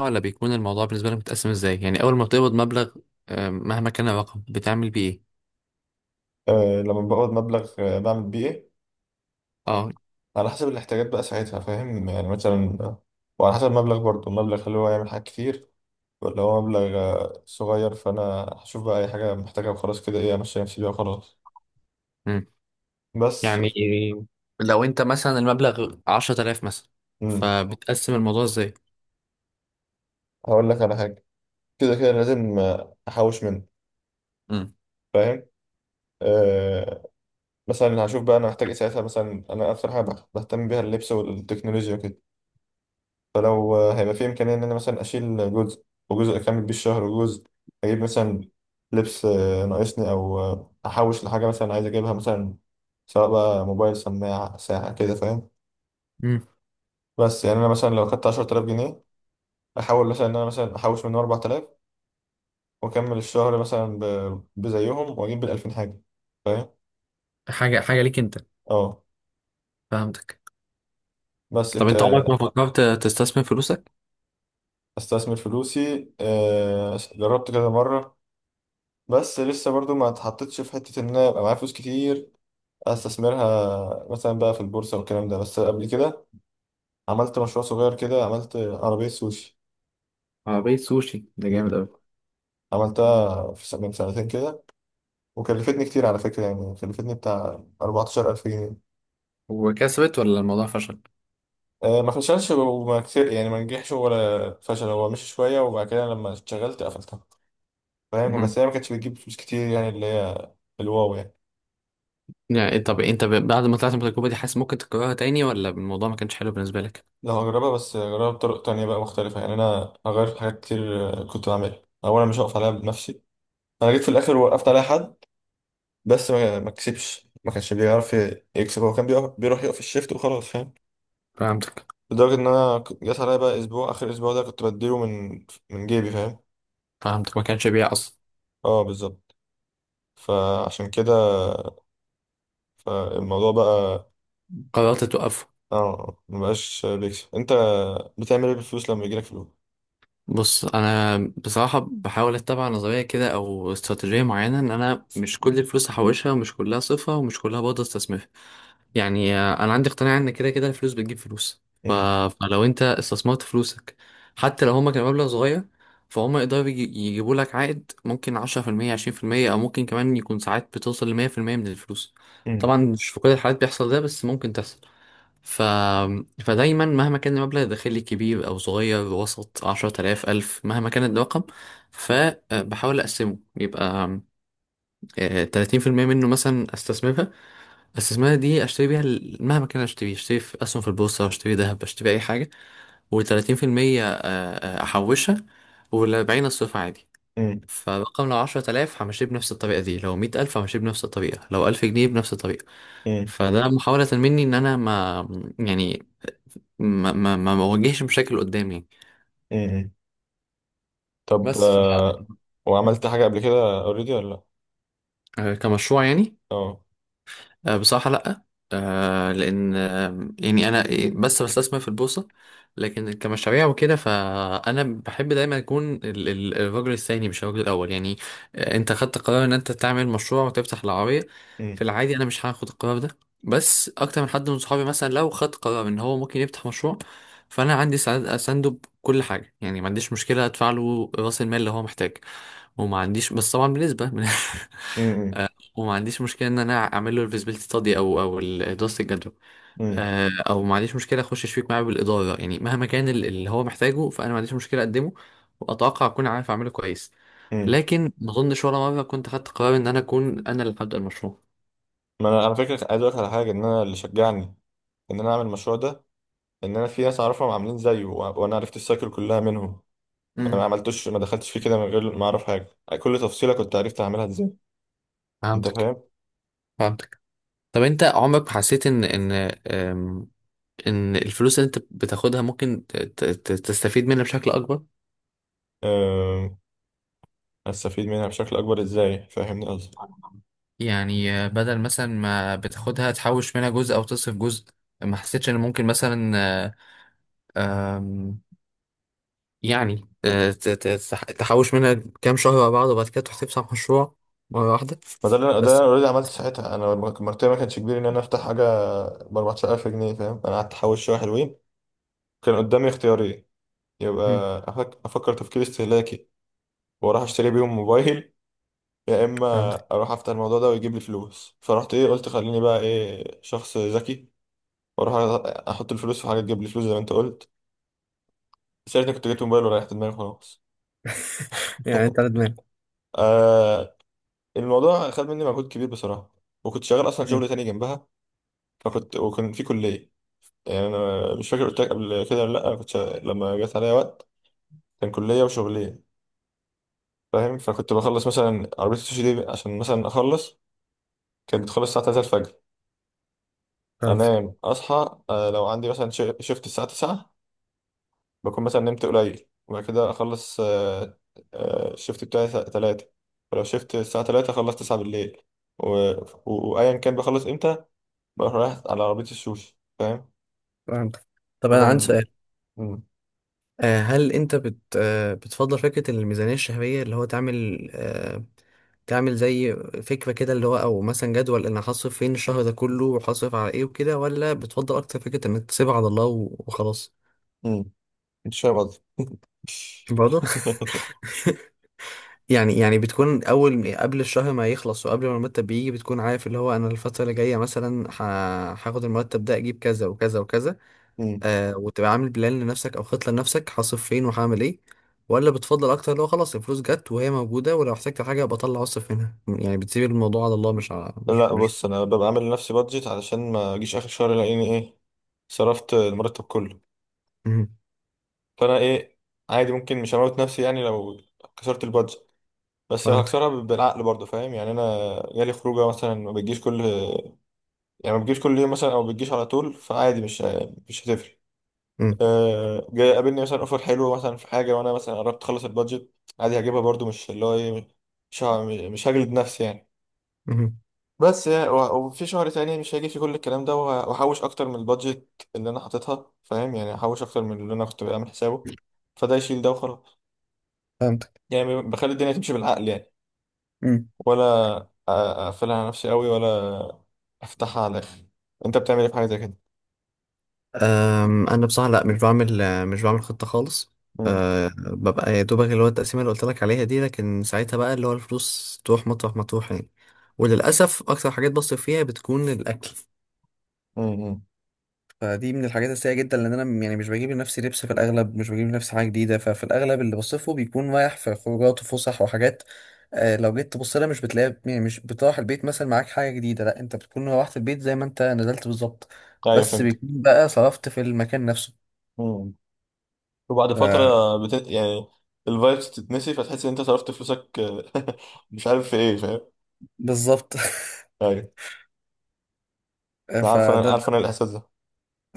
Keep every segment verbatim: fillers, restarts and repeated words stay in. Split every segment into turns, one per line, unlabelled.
ولا بيكون الموضوع بالنسبة لك متقسم ازاي؟ يعني أول ما بتقبض مبلغ آه، مهما كان الرقم بتعمل بيه ايه؟
آه، لما بقبض مبلغ آه، بعمل بيه ايه.
اه.
على حسب الاحتياجات بقى ساعتها، فاهم؟ يعني مثلا آه، وعلى حسب المبلغ برضه، المبلغ هل هو يعمل حاجات كتير ولا هو مبلغ آه، صغير. فانا هشوف بقى اي حاجه محتاجها وخلاص، كده ايه، امشي نفسي بيها وخلاص.
مم.
بس.
يعني لو انت مثلا المبلغ عشرة آلاف مثلا،
امم
فبتقسم الموضوع ازاي؟
هقول لك على حاجه. كده كده لازم آه، احوش منه،
مم.
فاهم؟ آه. مثلا هشوف بقى انا محتاج ايه ساعتها. مثلا انا اكتر حاجه بهتم بيها اللبس والتكنولوجيا وكده. فلو آه، هيبقى في إمكانية إن أنا مثلا أشيل جزء، وجزء أكمل بيه الشهر، وجزء أجيب مثلا لبس آه، ناقصني، أو آه، أحوش لحاجة مثلا عايز أجيبها، مثلا سواء بقى موبايل، سماعة، ساعة كده، فاهم؟
مم.
بس يعني أنا مثلا لو خدت عشرة آلاف جنيه، أحاول مثلا إن أنا مثلا أحوش منهم أربعة آلاف وأكمل الشهر مثلا ب- بزيهم وأجيب بالألفين حاجة، فاهم؟
حاجة حاجة ليك انت.
أه
فهمتك.
بس
طب
أنت.
انت عمرك ما فكرت تستثمر فلوسك؟
استثمر فلوسي، آه، جربت كذا مرة. بس لسه برضو ما اتحطتش في حتة إن أنا يبقى معايا فلوس كتير استثمرها مثلا بقى في البورصه والكلام ده. بس قبل كده عملت مشروع صغير كده، عملت عربيه سوشي.
عربية سوشي ده جامد
مم.
أوي.
عملتها في سنة من سنتين كده، وكلفتني كتير على فكره، يعني كلفتني بتاع أربعتاشر ألف جنيه.
وكسبت ولا الموضوع فشل؟
آه، ما فشلش وما كتير، يعني ما نجحش ولا فشل، هو مشي شويه وبعد كده لما اشتغلت قفلتها، فاهم؟ بس
مم.
هي ما كانتش بتجيب فلوس كتير، يعني اللي هي الواو يعني.
يعني إيه، طب انت ب- بعد ما طلعت من التجربة دي، حاسس ممكن تكررها تاني ولا الموضوع ما كانش حلو بالنسبة لك؟
لو هجربها بس هجربها بطرق تانية بقى مختلفة، يعني أنا هغير في حاجات كتير آه، كنت بعملها. أولا مش هقف عليها بنفسي، أنا جيت في الآخر وقفت عليها حد، بس ما ما كسبش، ما كانش بيعرف ي- يكسب. هو كان بيقف- بيروح يقف الشيفت وخلاص، فاهم؟
فهمتك.
لدرجة إن أنا ك- جات عليا بقى أسبوع، آخر أسبوع ده كنت بديله من من جيبي، فاهم؟
فهمتك، ما كانش بيع اصلا.
اه بالظبط. فعشان كده، فالموضوع بقى.
قررت توقف.
اه مبقاش بيكسب. أنت بتعمل إيه بالفلوس لما يجيلك فلوس؟
بص انا بصراحه بحاول اتبع نظريه كده او استراتيجيه معينه، ان انا مش كل الفلوس هحوشها ومش كلها صفها ومش كلها برضه استثمرها. يعني آه، انا عندي اقتناع ان كده كده الفلوس بتجيب فلوس. ف...
مم.
فلو انت استثمرت فلوسك، حتى لو هما كانوا مبلغ صغير، فهم يقدروا يجي- يجيبوا لك عائد ممكن عشرة في المية، عشرين في المية، او ممكن كمان يكون ساعات بتوصل ل مية في المية من الفلوس.
مم.
طبعا مش في كل الحالات بيحصل ده بس ممكن تحصل. ف... فدايما مهما كان المبلغ الداخلي كبير أو صغير، وسط عشرة آلاف ألف، مهما كان الرقم، فبحاول أقسمه، يبقى آه، تلاتين في المية منه مثلا أستثمرها. أستثمرها دي أشتري بيها ال- مهما كان، أشتري، أشتري في أسهم في البورصة، أشتري ذهب، أشتري أي حاجة. وتلاتين في المية آه، آه، أحوشها، والأربعين أصرفها عادي.
مم.
فالرقم لو عشرة آلاف همشيه بنفس الطريقة دي، لو مية ألف همشيه بنفس الطريقة، لو ألف جنيه بنفس الطريقة.
مم.
فده محاولة مني إن أنا ما يعني ما ما ما بواجهش مشاكل قدامي.
مم. طب
بس ف
آه، وعملت حاجة قبل كده أوريدي ولا لأ؟
آه، كمشروع يعني.
اه.
آه، بصراحة لأ. آه، لأن آه، يعني أنا بس بستثمر في البورصة. لكن كمشاريع وكده، فأنا بحب دايما أكون ال- ال- الرجل الثاني مش الرجل الأول. يعني آه، أنت خدت قرار إن أنت تعمل مشروع وتفتح العربية.
مم.
في العادي أنا مش هاخد القرار ده. بس أكتر من حد من صحابي مثلا لو خد قرار إن هو ممكن يفتح مشروع، فأنا عندي سند- أسنده بكل حاجة. يعني ما عنديش مشكلة أدفع له رأس المال اللي هو محتاج، وما عنديش بس طبعا بنسبة
مم.
وما عنديش مشكله ان انا اعمل له الفيزبيليتي ستادي، او او ال- دراسه الجدوى.
مم.
آه، او ما عنديش مشكله اخش شريك معاه بالاداره. يعني مهما كان ال- اللي هو محتاجه، فانا ما عنديش مشكله اقدمه، واتوقع اكون عارف اعمله كويس.
مم.
لكن ما اظنش ولا مره كنت خدت قرار ان انا اكون انا اللي هبدا المشروع.
ما أنا على فكرة عايز أقولك على حاجة، إن أنا اللي شجعني ان انا اعمل المشروع ده، ان انا في ناس اعرفهم عاملين زيه، وأ- وانا عرفت السايكل كلها منهم. انا ما
امم.
عملتوش، ما دخلتش فيه كده من غير ما اعرف حاجه، كل تفصيله كنت عرفت اعملها ازاي. انت
فهمتك.
فاهم.
فهمتك. طب انت عمرك ما حسيت ان ان أم، ان الفلوس اللي انت بتاخدها ممكن ت- ت- ت- تستفيد منها بشكل اكبر؟
أه... استفيد منها بشكل اكبر ازاي، فاهمني قصدي؟
يعني بدل مثلا ما بتاخدها تحوش منها جزء او تصرف جزء، ما حسيتش ان ممكن مثلا آه، آم، يعني آه، ت- ت- تح- تحوش منها كام شهر على بعض وبعد كده تروح تفتح مشروع مرة واحدة؟
ما ده اللي أنا- ده اللي انا
بس
اوريدي عملته
بس-
ساعتها. انا مرتبه ما كانش كبير ان انا افتح حاجه ب أربعة عشر ألف جنيه، فاهم؟ انا قعدت احوش شويه حلوين. كان قدامي اختيارين،
مم،
يبقى أفك... افكر تفكير استهلاكي واروح اشتري بيهم موبايل، يا اما
فهمتك.
اروح افتح الموضوع ده ويجيب لي فلوس. فرحت ايه، قلت خليني بقى ايه شخص ذكي واروح احط الفلوس في حاجه تجيب لي فلوس زي ما انت قلت. ساعتها كنت جبت موبايل وريحت دماغي خلاص.
يعني انت على دماغك.
آه. الموضوع خد مني مجهود كبير بصراحه، وكنت شغال اصلا
مم،
شغل تاني جنبها. فكنت وكان في كليه، يعني انا مش فاكر قلت لك قبل كده ولا لا، انا كنت شغال- لما جت عليا وقت كان كليه وشغليه، فاهم؟ فكنت بخلص مثلا عربيه السوشي دي عشان مثلا اخلص، كانت بتخلص الساعه تلاتة الفجر،
فهمتك.
انام اصحى آه لو عندي مثلا شيفت الساعه تسعة، بكون مثلا نمت قليل وبعد كده اخلص آه، آه، الشيفت بتاعي الساعة ثلاثة. ولو شيفت الساعة ثلاثة اخلص تسعة بالليل، و... و... وايا كان بخلص امتى بروح رايح على عربية السوشي، فاهم؟
فهمتك. طب انا عندي
فكان.
سؤال.
مم.
آه، هل انت بت آه، بتفضل فكرة الميزانية الشهرية، اللي هو تعمل آه، تعمل زي فكرة كده، اللي هو او مثلا جدول انا هصرف فين الشهر ده كله وهصرف على ايه وكده؟ ولا بتفضل اكتر فكرة انك تسيبها على الله و- وخلاص؟
مم. انت فاهم قصدي؟
برضه. يعني يعني بتكون اول قبل الشهر ما يخلص وقبل ما المرتب بيجي، بتكون عارف اللي هو انا الفترة اللي جاية مثلا ه- هاخد المرتب ده اجيب كذا وكذا وكذا.
مم.
آه وتبقى عامل بلان لنفسك او خطه لنفسك، هصرف فين وهعمل ايه. ولا بتفضل اكتر لو خلاص الفلوس جت وهي موجوده، ولو احتجت حاجه ابقى اطلع اصرف منها؟ يعني بتسيب الموضوع على الله، مش على مش
لا
مش
بص انا ببقى عامل لنفسي بادجت علشان ما اجيش اخر شهر الاقيني ايه صرفت المرتب كله.
مم.
فانا ايه، عادي ممكن مش هموت نفسي يعني لو كسرت البادجت، بس
فهمتك.
هكسرها بالعقل برضه، فاهم؟ يعني انا جالي خروجه مثلا، ما بتجيش كل، يعني ما بتجيش كل يوم مثلا، او ما بتجيش على طول، فعادي مش مش هتفرق.
مم.
أه جاي قابلني مثلا اوفر حلو مثلا في حاجه، وانا مثلا قربت اخلص البادجت، عادي هجيبها برضه، مش اللي هو ايه، مش ه- مش هجلد نفسي يعني.
مم.
بس يعني و- وفي شهر تاني مش هيجي فيه كل الكلام ده وه- وهحوش اكتر من البادجت اللي انا حاططها، فاهم؟ يعني هحوش اكتر من اللي انا كنت بعمل حسابه، فده يشيل ده وخلاص.
فهمتك.
يعني بخلي الدنيا تمشي بالعقل يعني،
مم.
ولا اقفلها على نفسي قوي، ولا افتحها على الاخر؟ انت بتعمل ايه في حاجه زي كده؟
أم، انا بصراحه لا مش بعمل آه، مش بعمل خطه خالص.
امم.
أه، ببقى يا دوبك اللي هو التقسيمه اللي قلت لك عليها دي. لكن ساعتها بقى اللي هو الفلوس تروح مطرح ما تروح يعني. وللاسف اكتر حاجات بصرف فيها بتكون الاكل.
امم.
فدي من الحاجات السيئة جدا، لأن أنا يعني مش بجيب لنفسي لبس في الأغلب، مش بجيب لنفسي حاجة جديدة، ففي الأغلب اللي بصرفه بيكون رايح في خروجات وفسح وحاجات. آه لو جيت تبص لها، مش بتلاقي، يعني مش بتروح البيت مثلا معاك حاجة جديدة، لأ، أنت بتكون روحت البيت زي ما أنت نزلت بالظبط.
ايوه
بس
فهمت.
بيكون بقى صرفت في المكان نفسه.
امم. وبعد
ف-
فتره بت... يعني الفايبس تتنسي، فتحس ان انت صرفت فلوسك، مش عارف في ايه، فاهم؟
بالظبط.
ايوه. انا عارف انا
فده،
عارف انا الاحساس ده.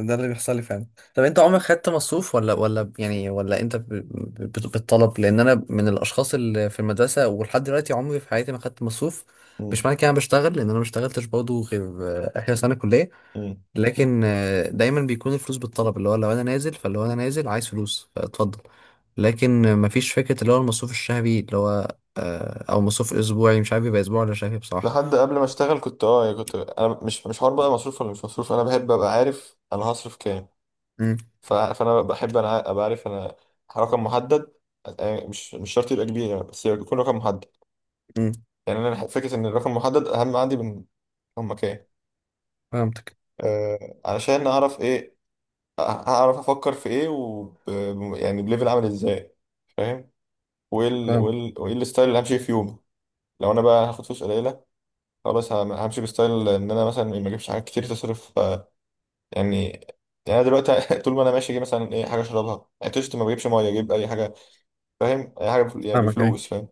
ده اللي بيحصل لي فعلا. طب انت عمرك خدت مصروف ولا ولا ب- يعني، ولا انت ب- ب- ب- بالطلب؟ لان انا من الاشخاص اللي في المدرسه ولحد دلوقتي عمري في حياتي ما خدت مصروف. مش
امم.
معنى كده انا بشتغل، لان انا ما اشتغلتش برضه غير آه، اخر سنه كليه.
امم.
لكن آه، دايما بيكون الفلوس بالطلب، اللي هو لو انا نازل فلو انا نازل عايز فلوس، فاتفضل. لكن آه، مفيش فكره اللي هو المصروف الشهري اللي هو آه، او مصروف اسبوعي. مش عارف يبقى اسبوعي ولا شهري بصراحه.
لحد قبل ما اشتغل كنت اه، يعني كنت انا مش مش حوار بقى مصروف ولا مش مصروف، انا بحب ابقى عارف انا هصرف كام.
امم.
ف... فانا بحب انا ابقى عارف انا رقم محدد، يعني مش مش شرط يبقى كبير يعني، بس يكون رقم محدد.
امم.
يعني انا فكره ان الرقم محدد اهم عندي من رقم كام.
فهمتك.
آه علشان اعرف ايه، هعرف افكر في ايه، و، يعني بليفل عامل ازاي، فاهم؟ وايه ال...
فهمت.
وايه ال... وايه الستايل اللي همشي فيه في يومي. لو انا بقى هاخد فلوس قليله، خلاص هم- همشي بستايل ان انا مثلا ما اجيبش حاجات كتير تصرف آه، يعني. يعني انا دلوقتي طول ما انا ماشي اجيب مثلا ايه حاجه اشربها، عطشت ما بجيبش ميه، اجيب اي حاجه، فاهم؟ اي حاجه بفل- يعني
فاهمك ايه.
بفلوس، فاهم؟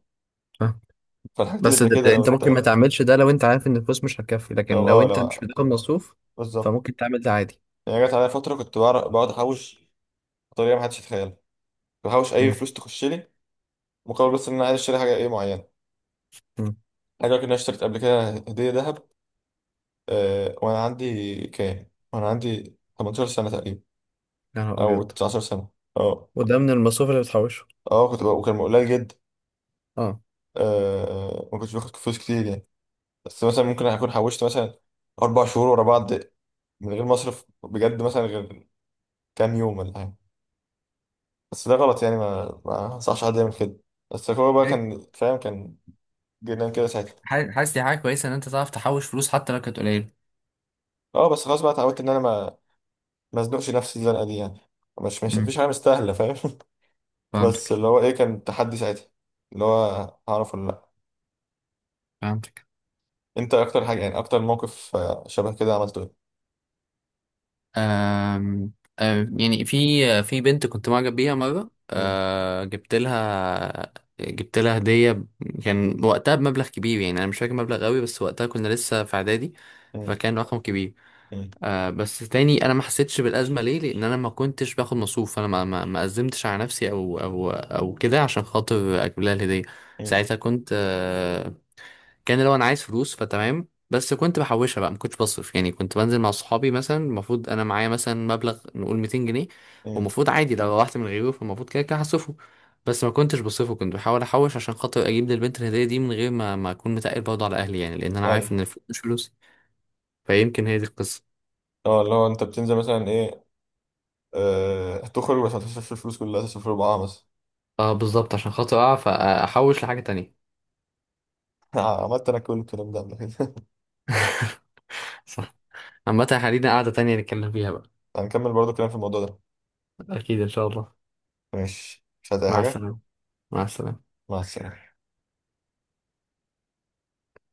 فالحاجات اللي
بس
زي
ده
كده
ده
لو
انت ممكن ما
انت.
تعملش ده لو انت عارف ان الفلوس مش هتكفي.
لو
لكن لو
اه
انت مش
لو.
بتاخد مصروف
بالظبط.
فممكن تعمل ده عادي.
يعني جت عليا فتره كنت بعرف- بقعد احوش بطريقه ما حدش يتخيلها، بحوش اي
امم.
فلوس تخش لي، مقابل بس ان انا عايز اشتري حاجه ايه معينه.
امم.
حاجه كده، انا اشتريت قبل كده هديه ذهب، آه وانا عندي كام، وانا عندي ثمانية عشر سنة سنه تقريبا
يا نهار
او
ابيض.
تسعة عشر سنة سنه. اه.
وده من المصروف اللي بتحوشه.
اه كنت بقى وكان قليل جدا.
اه.
آه ما كنتش باخد فلوس كتير يعني، بس مثلا ممكن اكون حوشت مثلا اربع شهور ورا بعض من غير ما اصرف بجد، مثلا غير كام يوم ولا حاجه. بس ده غلط يعني، ما ما انصحش حد يعمل كده، بس هو بقى
إيه؟
كان فاهم، كان جنان كده ساعتها.
ح- حاسس دي حاجة كويسة إن أنت تعرف تحوش فلوس حتى لو كانت قليلة.
اه بس خلاص بقى اتعودت ان انا ما ما ازنقش نفسي الزنقه دي يعني، مش مش مفيش
أمم،
حاجه مستاهله، فاهم؟ بس
فهمتك.
اللي هو ايه، كان تحدي ساعتها اللي هو هعرف ولا لا.
فهمتك.
انت اكتر حاجه يعني اكتر موقف آه، شبه كده عملته
أم أم، يعني في في بنت كنت معجب بيها مرة،
ايه؟
أه جبت لها جبت لها هدية. ب- كان وقتها بمبلغ كبير. يعني أنا مش فاكر مبلغ قوي، بس وقتها كنا لسه في إعدادي.
مم.
فكان رقم كبير.
مم. مم.
آه بس تاني انا ما حسيتش بالازمه ليه؟ لان انا ما كنتش باخد مصروف. انا ما ما ما قدمتش على نفسي او او او كده عشان خاطر اجيب لها الهديه.
مم.
ساعتها كنت آه كان لو انا عايز فلوس فتمام. بس كنت بحوشها بقى، ما كنتش بصرف. يعني كنت بنزل مع صحابي مثلا، المفروض انا معايا مثلا مبلغ، نقول مئتين جنيه.
مم.
والمفروض عادي لو روحت من غيره فالمفروض كده كده هصرفه. بس ما كنتش بصرفه، كنت بحاول احوش عشان خاطر اجيب للبنت الهديه دي، من غير ما ما اكون متقل برضه على اهلي. يعني لان انا
ايوه.
عارف ان الفلوس مش فلوس. فيمكن هي دي القصه.
اه اللي هو انت بتنزل مثلا ايه، آه، هتخرج بس هتصرف الفلوس كلها، هتصرف ربعها مثلا.
اه بالظبط، عشان خاطر اعرف احوش لحاجة تانية.
عملت انا كل الكلام ده قبل كده.
صح. عامة خلينا قاعدة تانية نتكلم فيها بقى.
هنكمل برضو كلام في الموضوع ده.
اكيد ان شاء الله.
ماشي مش عايز اي
مع
حاجه.
السلامة. مع السلامة.
مع السلامه.